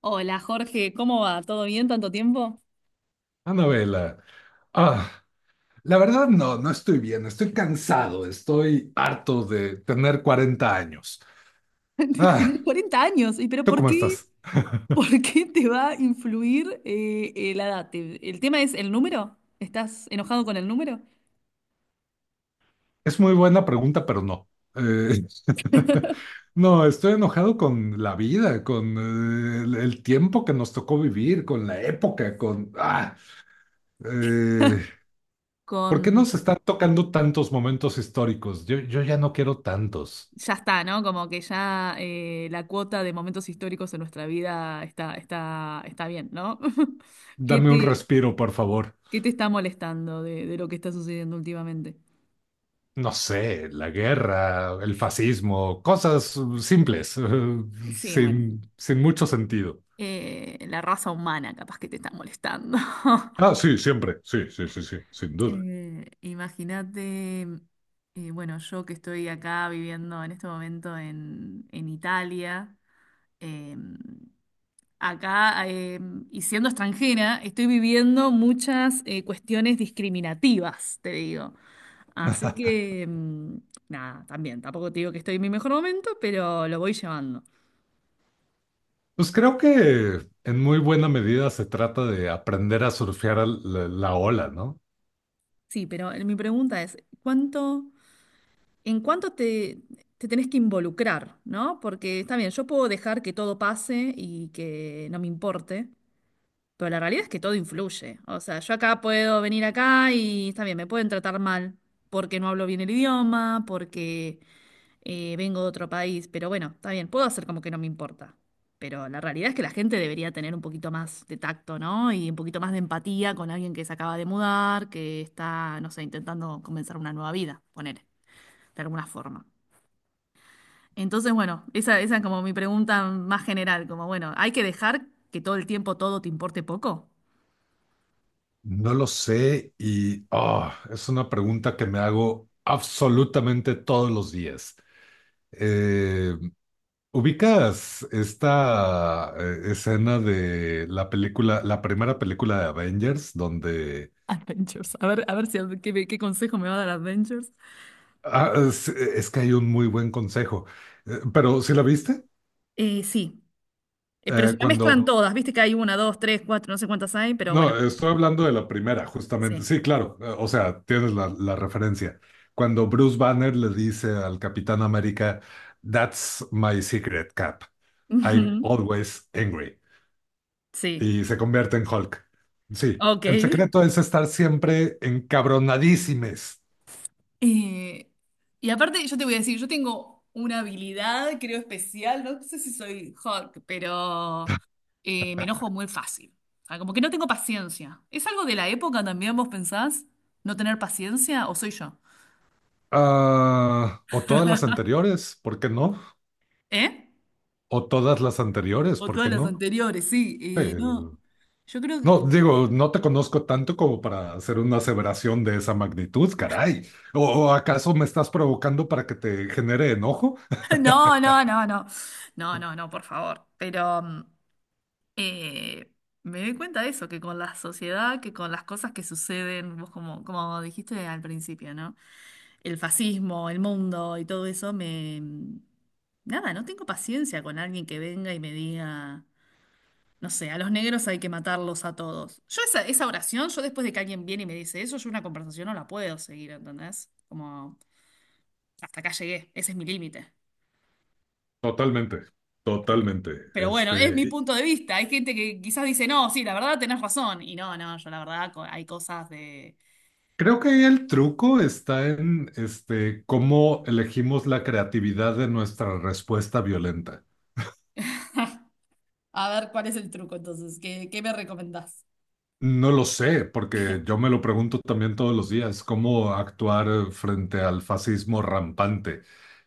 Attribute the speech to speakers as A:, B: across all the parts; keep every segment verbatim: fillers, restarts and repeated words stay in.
A: Hola Jorge, ¿cómo va? ¿Todo bien? ¿Tanto tiempo?
B: Anabela, ah, la verdad no, no estoy bien. Estoy cansado, estoy harto de tener cuarenta años. Ah,
A: Tenés cuarenta años, ¿y pero
B: ¿Tú
A: por
B: cómo
A: qué,
B: estás?
A: por qué te va a influir eh, eh, la edad? ¿Te- ¿El tema es el número? ¿Estás enojado con el número?
B: Es muy buena pregunta, pero no. Eh, no, estoy enojado con la vida, con eh, el, el tiempo que nos tocó vivir, con la época, con... Ah, eh, ¿Por qué
A: Con...
B: nos están tocando tantos momentos históricos? Yo, yo ya no quiero tantos.
A: Ya está, ¿no? Como que ya eh, la cuota de momentos históricos en nuestra vida está, está, está bien, ¿no? ¿Qué
B: Dame un
A: te,
B: respiro, por favor.
A: qué te está molestando de, de lo que está sucediendo últimamente?
B: No sé, la guerra, el fascismo, cosas uh, simples, uh,
A: Sí, bueno,
B: sin, sin mucho sentido.
A: eh, la raza humana capaz que te está molestando.
B: Ah, sí, siempre, sí, sí, sí, sí, sin duda.
A: Eh, imagínate, eh, bueno, yo que estoy acá viviendo en este momento en, en Italia, eh, acá, eh, y siendo extranjera, estoy viviendo muchas eh, cuestiones discriminativas, te digo. Así que, mm, nada, también, tampoco te digo que estoy en mi mejor momento, pero lo voy llevando.
B: Pues creo que en muy buena medida se trata de aprender a surfear al- la, la ola, ¿no?
A: Sí, pero eh, mi pregunta es, ¿cuánto... en cuánto te, te tenés que involucrar, ¿no? Porque está bien, yo puedo dejar que todo pase y que no me importe, pero la realidad es que todo influye. O sea, yo acá puedo venir acá y está bien, me pueden tratar mal porque no hablo bien el idioma, porque eh, vengo de otro país, pero bueno, está bien, puedo hacer como que no me importa. Pero la realidad es que la gente debería tener un poquito más de tacto, ¿no? Y un poquito más de empatía con alguien que se acaba de mudar, que está, no sé, intentando comenzar una nueva vida, poner, de alguna forma. Entonces, bueno, esa, esa es como mi pregunta más general, como bueno, ¿hay que dejar que todo el tiempo todo te importe poco?
B: No lo sé, y ah, es una pregunta que me hago absolutamente todos los días. Eh, ¿Ubicas esta eh, escena de la película, la primera película de Avengers, donde
A: Adventures. A ver, a ver si qué, me- qué consejo me va a dar Adventures.
B: ah, es, es que hay un muy buen consejo? Eh, ¿pero sí la viste?
A: Eh, sí. Eh, pero
B: Eh,
A: se me mezclan
B: cuando
A: todas, viste que hay una, dos, tres, cuatro, no sé cuántas hay, pero bueno,
B: No, estoy hablando de la primera, justamente.
A: sí.
B: Sí, claro, eh, o sea, tienes la, la referencia. Cuando Bruce Banner le dice al Capitán América, "That's my secret, Cap. I'm
A: Ujú.
B: always angry",
A: Sí,
B: y se convierte en Hulk. Sí,
A: ok.
B: el secreto es estar siempre encabronadísimes.
A: Eh, y aparte, yo te voy a decir, yo tengo una habilidad, creo, especial, no sé si soy Hulk, pero eh, me enojo muy fácil. O sea, como que no tengo paciencia. ¿Es algo de la época también, vos pensás? ¿No tener paciencia? ¿O soy yo?
B: Ah, ¿o todas las anteriores? ¿Por qué no?
A: ¿Eh?
B: ¿O todas las anteriores?
A: O
B: ¿Por
A: todas
B: qué
A: las
B: no?
A: anteriores, sí.
B: Sí.
A: Eh, no, yo creo
B: No,
A: que...
B: digo, no te conozco tanto como para hacer una aseveración de esa magnitud, caray. ¿O, o acaso me estás provocando para que te genere enojo?
A: No, no, no, no. No, no, no, por favor. Pero... mm, Eh, me doy cuenta de eso, que con la sociedad, que con las cosas que suceden, vos como, como dijiste al principio, ¿no? El fascismo, el mundo y todo eso, me... mm, nada, no tengo paciencia con alguien que venga y me diga, no sé, a los negros hay que matarlos a todos. Yo esa, esa oración, yo después de que alguien viene y me dice eso, yo una conversación no la puedo seguir, ¿entendés? Como, hasta acá llegué, ese es mi límite.
B: Totalmente,
A: Eh,
B: totalmente.
A: Pero bueno, es mi
B: Este,
A: punto de vista. Hay gente que quizás dice, no, sí, la verdad tenés razón. Y no, no, yo la verdad co- hay cosas de...
B: Creo que ahí el truco está en este, cómo elegimos la creatividad de nuestra respuesta violenta.
A: A ver, ¿cuál es el truco entonces? ¿Qué, ¿qué me recomendás?
B: No lo sé, porque yo me lo pregunto también todos los días, cómo actuar eh, frente al fascismo rampante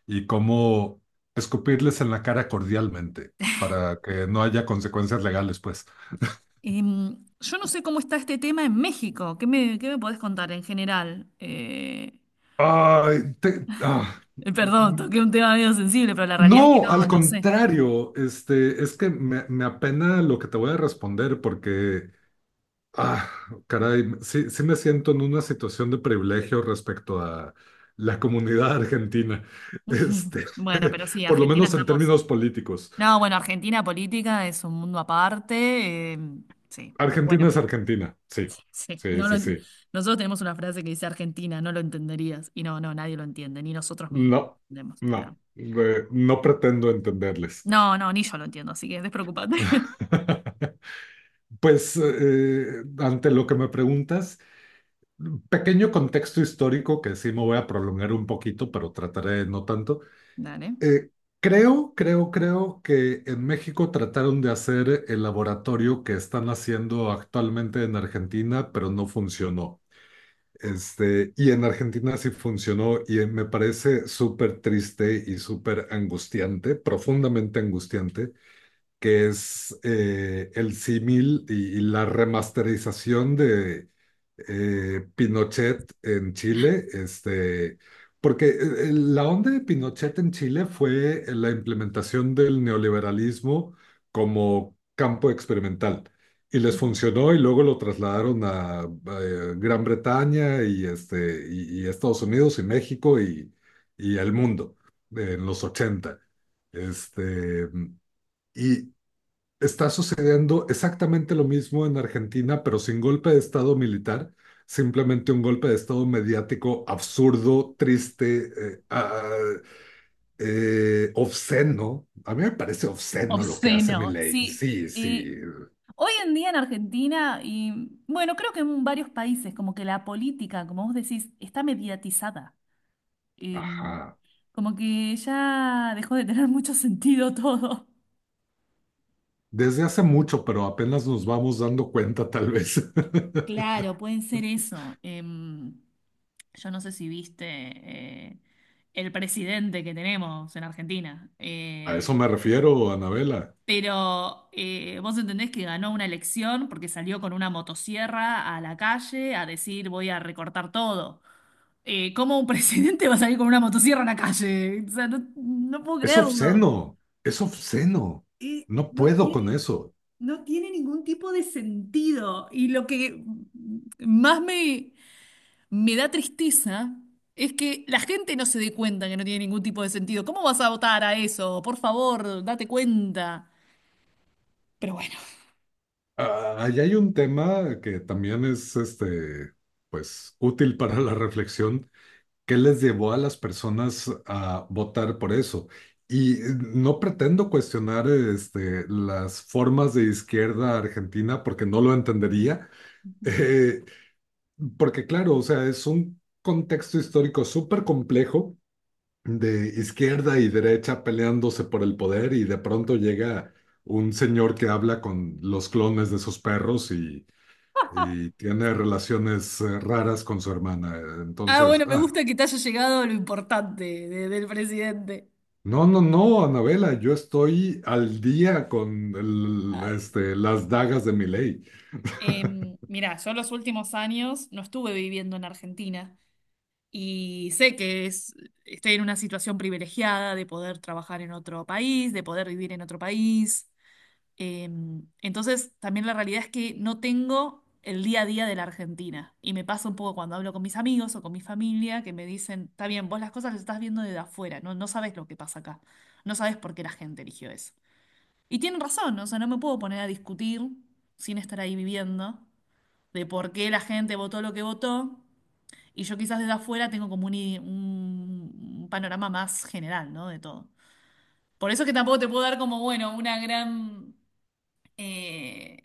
B: y cómo escupirles en la cara cordialmente para que no haya consecuencias legales, pues.
A: Em, yo no sé cómo está este tema en México. ¿Qué me, ¿qué me podés contar en general? Eh,
B: Ay, te- ah.
A: eh, perdón, toqué un tema medio sensible, pero la realidad es que
B: No,
A: no,
B: al
A: no sé.
B: contrario, este, es que me, me apena lo que te voy a responder, porque Ah, caray, sí. Sí me siento en una situación de privilegio respecto a la comunidad argentina, este,
A: Bueno, pero sí,
B: por lo
A: Argentina
B: menos en
A: estamos.
B: términos políticos.
A: No, bueno, Argentina política es un mundo aparte. Em, sí, pero
B: Argentina
A: bueno.
B: es Argentina, sí,
A: Sí,
B: sí,
A: no lo,
B: sí, sí.
A: nosotros tenemos una frase que dice Argentina, no lo entenderías. Y no, no, nadie lo entiende, ni nosotros mismos
B: No,
A: entendemos. No,
B: no, eh, no pretendo entenderles.
A: no, no, ni yo lo entiendo, así que despreocupate.
B: Pues eh, ante lo que me preguntas, pequeño contexto histórico que sí me voy a prolongar un poquito, pero trataré de no tanto.
A: Dale.
B: Eh, creo, creo, creo que en México trataron de hacer el laboratorio que están haciendo actualmente en Argentina, pero no funcionó. Este, y en Argentina sí funcionó, y me parece súper triste y súper angustiante, profundamente angustiante, que es eh, el símil y, y, la remasterización de eh, Pinochet en Chile, este, porque eh, la onda de Pinochet en Chile fue la implementación del neoliberalismo como campo experimental. Y les
A: Ujú.
B: funcionó, y luego lo trasladaron a eh, Gran Bretaña y, este, y, y Estados Unidos y México y, y el mundo en los ochenta. Este, y, Está sucediendo exactamente lo mismo en Argentina, pero sin golpe de estado militar, simplemente un golpe de estado mediático absurdo, triste, eh, ah, eh, obsceno. A mí me parece obsceno lo que hace
A: Obsceno,
B: Milei.
A: sí.
B: Sí,
A: eh,
B: sí,
A: hoy en día en Argentina, y bueno, creo que en varios países, como que la política, como vos decís, está mediatizada. Eh,
B: ajá.
A: como que ya dejó de tener mucho sentido todo.
B: Desde hace mucho, pero apenas nos vamos dando cuenta, tal vez.
A: Claro, pueden ser eso. Em, yo no sé si viste eh, el presidente que tenemos en Argentina,
B: A
A: eh,
B: eso me refiero, Anabela.
A: pero eh, vos entendés que ganó una elección porque salió con una motosierra a la calle a decir voy a recortar todo. Eh, ¿cómo un presidente va a salir con una motosierra a la calle? O sea, no, no puedo
B: Es
A: creerlo.
B: obsceno, es obsceno.
A: Y
B: No
A: no
B: puedo con
A: tiene,
B: eso.
A: no tiene ningún tipo de sentido. Y lo que más me... me da tristeza es que la gente no se dé cuenta que no tiene ningún tipo de sentido. ¿Cómo vas a votar a eso? Por favor, date cuenta. Pero bueno.
B: Ah, ahí hay un tema que también es este, pues, útil para la reflexión. ¿Qué les llevó a las personas a votar por eso? Y eh, no pretendo cuestionar este, las formas de izquierda argentina, porque no lo entendería.
A: Ujú.
B: Eh, Porque claro, o sea, es un contexto histórico súper complejo de izquierda y derecha peleándose por el poder, y de pronto llega un señor que habla con los clones de sus perros y y tiene relaciones eh, raras con su hermana.
A: Ah,
B: Entonces...
A: bueno, me
B: ah,
A: gusta que te haya llegado lo importante de- del presidente.
B: no, no, no, Anabela, yo estoy al día con el-
A: Ay.
B: este, las dagas de Milei.
A: Em, mirá, yo los últimos años no estuve viviendo en Argentina y sé que es, estoy en una situación privilegiada de poder trabajar en otro país, de poder vivir en otro país. Em, entonces, también la realidad es que no tengo el día a día de la Argentina. Y me pasa un poco cuando hablo con mis amigos o con mi familia que me dicen, está bien, vos las cosas las estás viendo desde afuera, no, no sabés lo que pasa acá, no sabés por qué la gente eligió eso. Y tienen razón, o sea, no me puedo poner a discutir sin estar ahí viviendo de por qué la gente votó lo que votó. Y yo quizás desde afuera tengo como un, i- un- un panorama más general, ¿no? De todo. Por eso es que tampoco te puedo dar como, bueno, una gran... eh,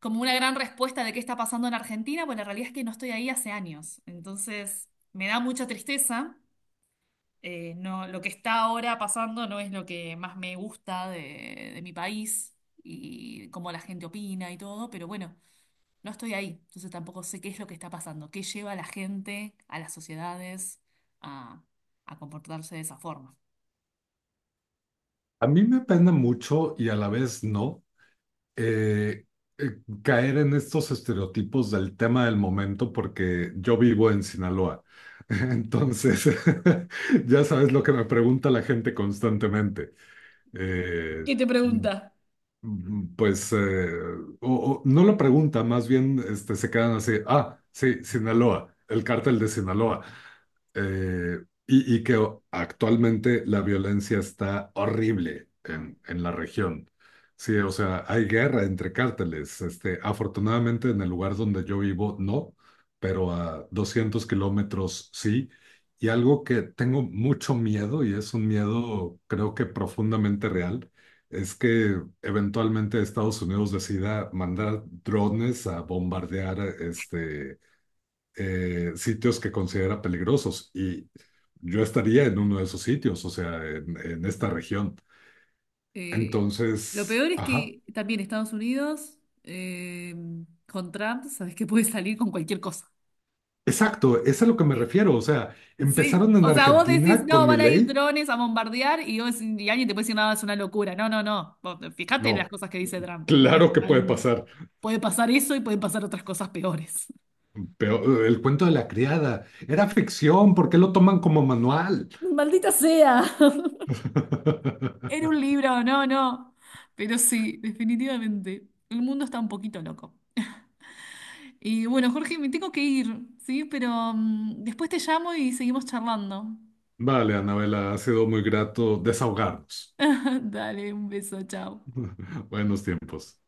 A: como una gran respuesta de qué está pasando en Argentina, pues la realidad es que no estoy ahí hace años. Entonces, me da mucha tristeza. Eh, no, lo que está ahora pasando no es lo que más me gusta de, de mi país y cómo la gente opina y todo, pero bueno, no estoy ahí. Entonces tampoco sé qué es lo que está pasando, qué lleva a la gente, a las sociedades, a, a comportarse de esa forma.
B: A mí me pena mucho, y a la vez no eh, eh, caer en estos estereotipos del tema del momento, porque yo vivo en Sinaloa. Entonces, ya sabes lo que me pregunta la gente constantemente. Eh,
A: ¿Qué te pregunta?
B: Mm, Pues eh, o- o no lo pregunta, más bien este, se quedan así, ah, sí, Sinaloa, el cártel de Sinaloa. Eh, y, y que o- Actualmente la violencia está horrible en, en, la región. Sí, o sea, hay guerra entre cárteles. Este, afortunadamente en el lugar donde yo vivo no, pero a doscientos kilómetros sí. Y algo que tengo mucho miedo, y es un miedo creo que profundamente real, es que eventualmente Estados Unidos decida mandar drones a bombardear este, eh, sitios que considera peligrosos. Y yo estaría en uno de esos sitios, o sea, en, en
A: Mm.
B: esta región.
A: Eh, lo
B: Entonces,
A: peor es
B: ajá.
A: que también Estados Unidos, eh, con Trump, sabes que puede salir con cualquier cosa.
B: Exacto, es a lo que me
A: Eh,
B: refiero. O sea,
A: Sí,
B: empezaron en
A: o sea, vos decís,
B: Argentina
A: no,
B: con mi
A: van a ir
B: ley.
A: drones a bombardear y, vos- y alguien te puede decir, no, es una locura. No, no, no. Vos, fíjate en las
B: No,
A: cosas que dice Trump. No es
B: claro que puede
A: tan...
B: pasar.
A: Puede pasar eso y pueden pasar otras cosas peores.
B: Pero eh, el cuento de la criada era ficción. ¿Por qué lo toman como manual?
A: Maldita sea. Era un libro, no, no. Pero sí, definitivamente. El mundo está un poquito loco. Y bueno, Jorge, me tengo que ir, ¿sí? Pero mm, después te llamo y seguimos charlando.
B: Vale, Anabela, ha sido muy grato desahogarnos.
A: Dale, un beso, chao.
B: Buenos tiempos.